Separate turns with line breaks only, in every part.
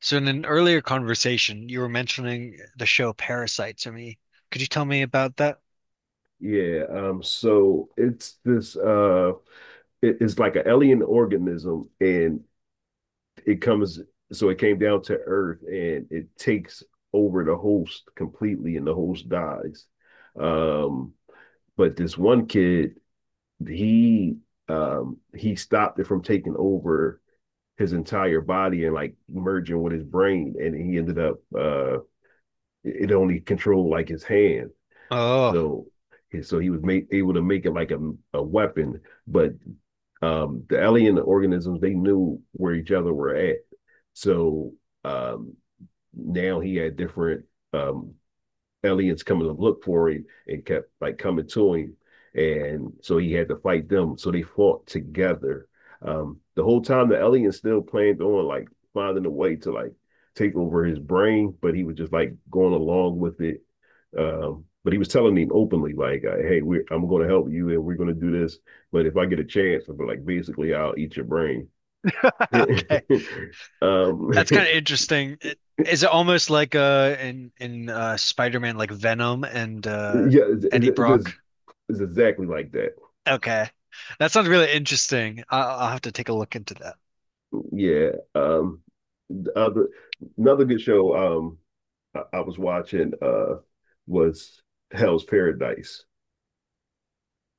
So in an earlier conversation, you were mentioning the show Parasite to me. Could you tell me about that?
Yeah, so it's this it's like an alien organism and it comes so it came down to Earth, and it takes over the host completely and the host dies. Um, but this one kid, he he stopped it from taking over his entire body and like merging with his brain. And he ended up it it only controlled like his hand.
Oh,
So yeah, so he was made, able to make it like a weapon. But the alien organisms, they knew where each other were at. So um, now he had different um, aliens coming to look for him and kept like coming to him. And so he had to fight them. So they fought together. The whole time, the alien still planned on like finding a way to like take over his brain, but he was just like going along with it. Um, but he was telling him openly, like, "Hey, I'm going to help you, and we're going to do this. But if I get a chance, I'm like, basically, I'll eat your brain."
okay.
um,
That's kind of interesting. It, is it almost like in Spider-Man, like Venom and
yeah,
Eddie Brock?
it's exactly like that.
Okay. That sounds really interesting. I'll have to take a look into that.
Yeah. The other Another good show I was watching was Hell's Paradise.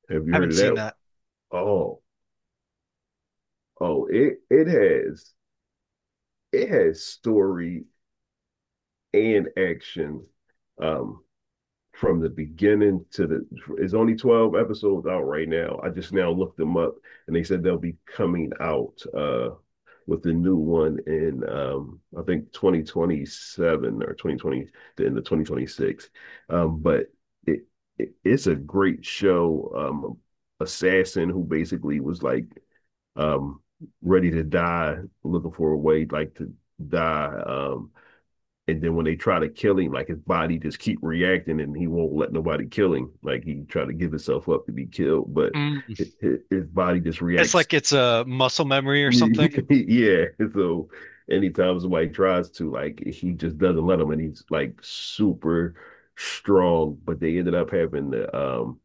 Have you heard
Haven't
of
seen
that?
that.
Oh, oh, it has story and action. Um, from the beginning to the it's only 12 episodes out right now. I just now looked them up, and they said they'll be coming out with the new one in I think 2027 or 2020, the end of 2026. Um but it, it's a great show. Assassin who basically was like um ready to die, looking for a way like to die. And then when they try to kill him, like his body just keep reacting, and he won't let nobody kill him. Like he try to give himself up to be killed, but
Mm.
his body just
It's
reacts.
like it's a muscle memory or something.
yeah, so anytime somebody tries to, like he just doesn't let him, and he's like super strong. But they ended up having the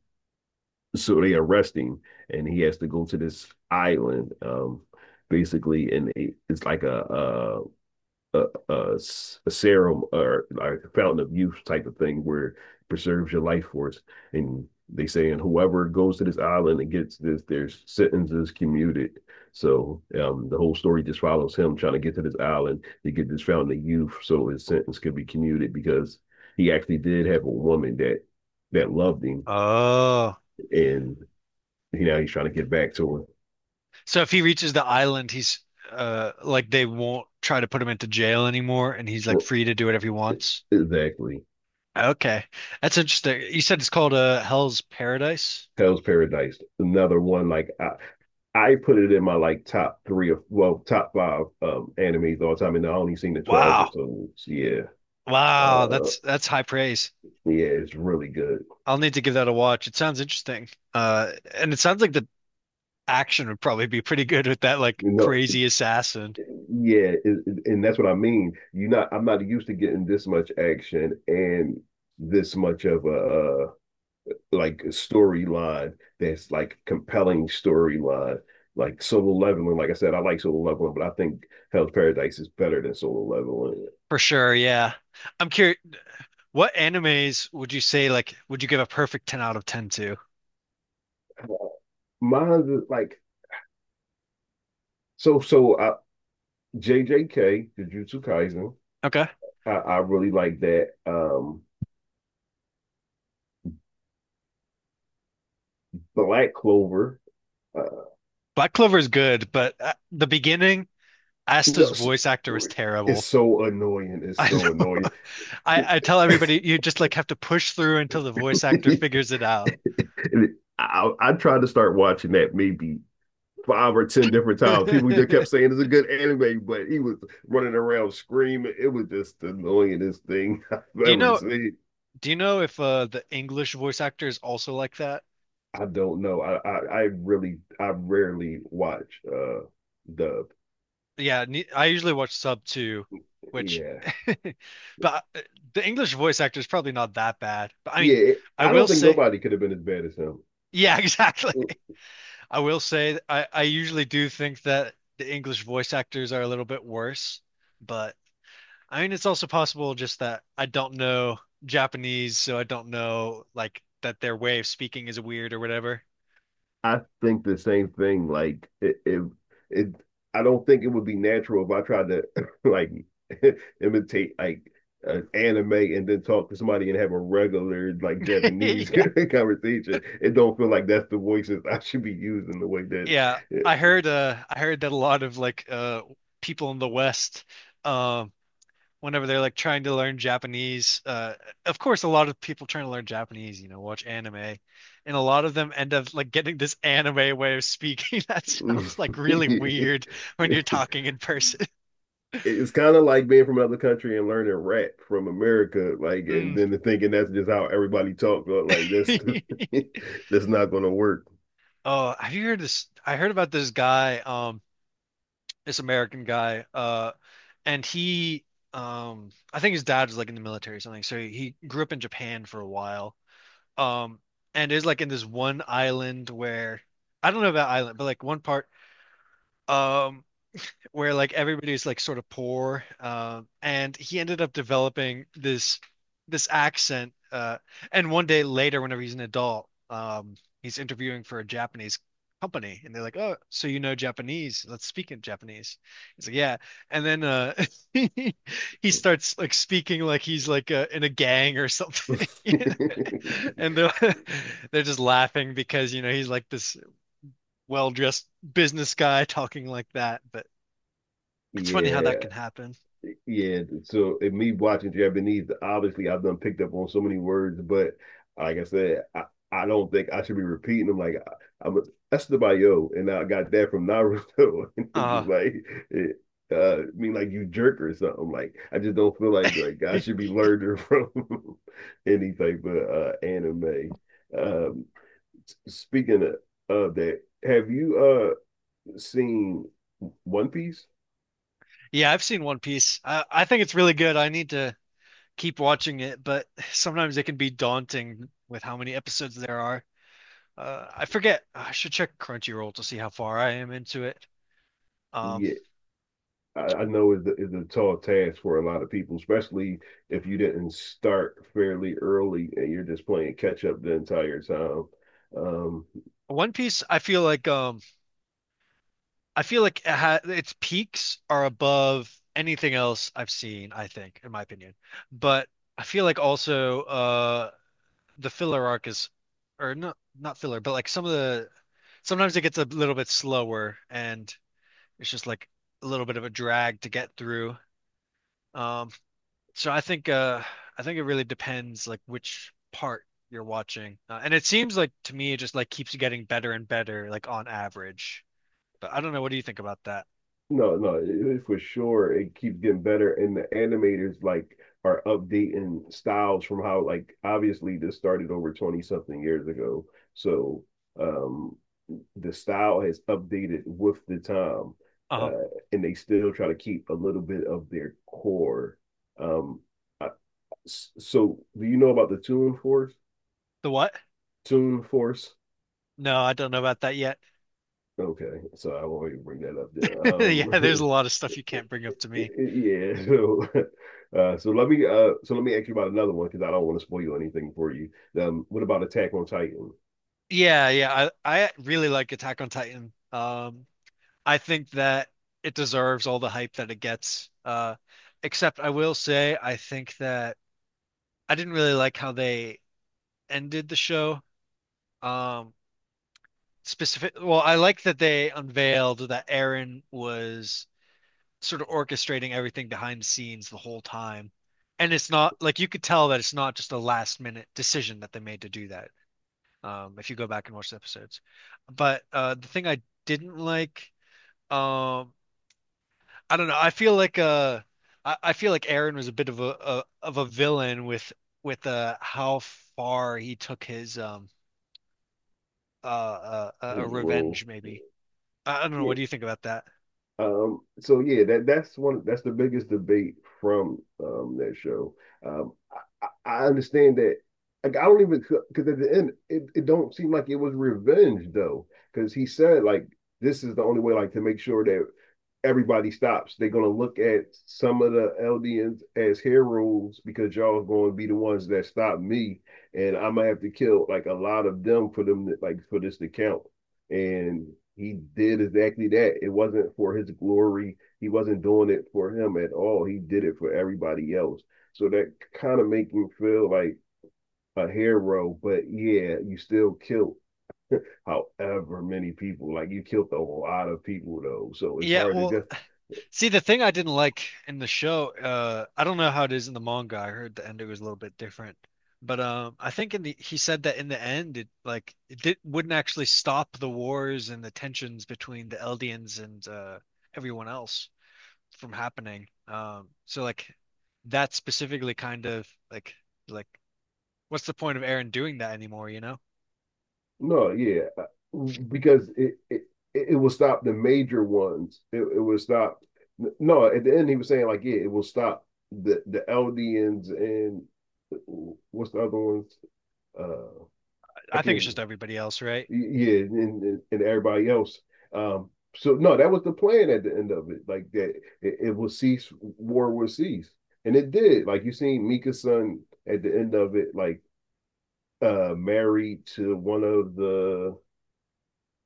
so they arrest him, and he has to go to this island, basically. And it's like a a, a serum or like a fountain of youth type of thing where it preserves your life force. And they say, and whoever goes to this island and gets this, their sentence is commuted. So the whole story just follows him trying to get to this island to get this fountain of youth so his sentence could be commuted, because he actually did have a woman that loved him,
Oh.
and now he's trying to get back to her.
So if he reaches the island, he's like they won't try to put him into jail anymore, and he's like
Well,
free to do whatever he wants.
exactly.
Okay, that's interesting. You said it's called Hell's Paradise.
Hell's Paradise, another one. Like I put it in my like top three. Of well, top five animes all the time, and I only seen the twelve
Wow,
episodes. Yeah,
wow,
uh,
that's high praise.
yeah, it's really good.
I'll need to give that a watch. It sounds interesting. And it sounds like the action would probably be pretty good with that like
You know,
crazy assassin
yeah, and that's what I mean. You not, I'm not used to getting this much action and this much of a like storyline, that's like compelling storyline. Like Solo Leveling, like I said, I like Solo Leveling, but I think Hell's Paradise is better than Solo Leveling.
for sure. Yeah, I'm curious. What animes would you say, like, would you give a perfect 10 out of 10 to?
Mine is like so so. JJK, Jujutsu Kaisen.
Okay.
I really like that. Black Clover. Uh,
Black Clover is good, but the beginning
no,
Asta's voice actor was
it's
terrible.
so annoying. It's
I
so
know.
annoying.
I tell everybody you just like have to push through until the voice actor figures it out.
And I tried to start watching that maybe five or ten different
Do
times. People just kept saying it's a good anime, but he was running around screaming. It was just the annoyingest thing I've
you
ever
know
seen.
do you know if the English voice actor is also like that?
I don't know. I really I rarely watch dub.
Yeah, ne I usually watch sub too, which.
Yeah,
But the English voice actor is probably not that bad. But I mean,
yeah,
I
I
will
don't think
say
nobody could have been as bad as him.
yeah, exactly. I will say I usually do think that the English voice actors are a little bit worse, but I mean, it's also possible just that I don't know Japanese, so I don't know like that their way of speaking is weird or whatever.
I think the same thing. Like if it, it, it I don't think it would be natural if I tried to like imitate like an anime and then talk to somebody and have a regular like Japanese
Yeah.
conversation. It don't feel like that's the voices I should be using the way that.
Yeah, I heard that a lot of like people in the West um whenever they're like trying to learn Japanese, of course a lot of people trying to learn Japanese, you know, watch anime, and a lot of them end up like getting this anime way of speaking that sounds like really weird when
Yeah.
you're talking in person.
It's kind of like being from another country and learning rap from America, like, and
Mm.
then thinking that's just how everybody talks. Like that's that's not gonna work.
Oh, have you heard this? I heard about this guy, this American guy, and he, I think his dad was like in the military or something, so he grew up in Japan for a while, um, and is like in this one island where I don't know about island, but like one part, um, where like everybody's like sort of poor, and he ended up developing this accent. And one day later, whenever he's an adult, he's interviewing for a Japanese company, and they're like, "Oh, so you know Japanese? Let's speak in Japanese." He's like, "Yeah," and then he he starts like speaking like he's like in a gang or something, you know? And they're they're just laughing because you know he's like this well-dressed business guy talking like that, but. It's funny how that can
Yeah.
happen.
Yeah, so in me watching Japanese, obviously I've done picked up on so many words, but like I said, I don't think I should be repeating them. Like I'm Estebayo, and I got that from Naruto, and it's
Uh,
just like it, I mean like you jerk or something. Like I just don't feel like I should be learning from any type of anime. Um, Speaking of that, have you seen One Piece?
yeah, I've seen One Piece. I think it's really good. I need to keep watching it, but sometimes it can be daunting with how many episodes there are. I forget. I should check Crunchyroll to see how far I am into it. Um,
Yeah. I know it's a tall task for a lot of people, especially if you didn't start fairly early and you're just playing catch up the entire time. Um,
One Piece, I feel like it ha its peaks are above anything else I've seen, I think, in my opinion. But I feel like also the filler arc is, or not filler, but like some of the sometimes it gets a little bit slower and it's just like a little bit of a drag to get through. Um, so I think it really depends like which part you're watching. And it seems like to me it just like keeps getting better and better like on average. But I don't know, what do you think about that?
no, no, for sure, it keeps getting better, and the animators like are updating styles from how like obviously this started over 20 something years ago. So um the style has updated with the time.
Uh-huh.
Uh, and they still try to keep a little bit of their core. Um, I, So, do you know about the Tune Force?
The what?
Tune Force?
No, I don't know about that yet.
Okay, so I won't even bring that up there.
Yeah, there's a lot of stuff you can't bring up to me.
Yeah. So, so let me ask you about another one because I don't want to spoil anything for you. What about Attack on Titan?
Yeah, yeah. I really like Attack on Titan. I think that it deserves all the hype that it gets. Except I will say I think that I didn't really like how they ended the show. Um, specific. Well, I like that they unveiled that Aaron was sort of orchestrating everything behind the scenes the whole time, and it's not like you could tell that it's not just a last minute decision that they made to do that. If you go back and watch the episodes, but the thing I didn't like. Um, I don't know. I feel like I feel like Aaron was a bit of a villain with how far he took his
His role?
revenge maybe. I don't know.
Yeah.
What do you think about that?
So yeah, that's one. That's the biggest debate from that show. Um, I understand that. Like I don't even, because at the end it don't seem like it was revenge, though, because he said like this is the only way like to make sure that everybody stops. They're gonna look at some of the Eldians as heroes because y'all going to be the ones that stop me, and I'm gonna have to kill like a lot of them for them to, like for this to count. And he did exactly that. It wasn't for his glory. He wasn't doing it for him at all. He did it for everybody else. So that kind of makes me feel like a hero, but yeah, you still killed however many people. Like you killed a lot of people though. So it's
Yeah,
hard to
well,
guess.
see the thing I didn't like in the show, I don't know how it is in the manga. I heard the ending was a little bit different. But I think in the he said that in the end it like it did, wouldn't actually stop the wars and the tensions between the Eldians and everyone else. From happening. So like that specifically kind of like what's the point of Aaron doing that anymore, you know?
No, yeah, because it will stop the major ones. It will stop. No, at the end he was saying like, yeah, it will stop the Eldians and uh, what's the other ones? Uh, I
I think it's
can't.
just everybody else, right?
Yeah, and everybody else. Um, so no, that was the plan at the end of it. Like that, it will cease. War will cease, and it did. Like you seen Mika's son at the end of it, like married to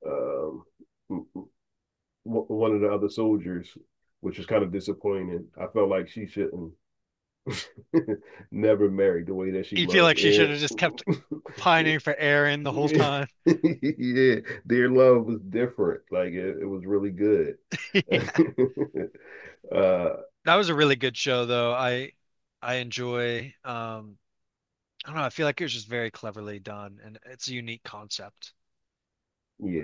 um, one of the other soldiers, which was kind of disappointing. I felt like she shouldn't never married the way that she
You feel
loved
like she should
Eric.
have just kept pining for Aaron the whole time.
Yeah, their love was different. Like it was really good. uh,
That was a really good show though. I enjoy I don't know, I feel like it was just very cleverly done and it's a unique concept.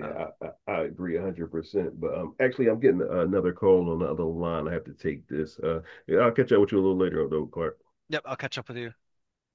Um,
I agree 100%. But actually, I'm getting another call on the other line. I have to take this. Yeah, I'll catch up with you a little later, though, Clark.
yep, I'll catch up with you.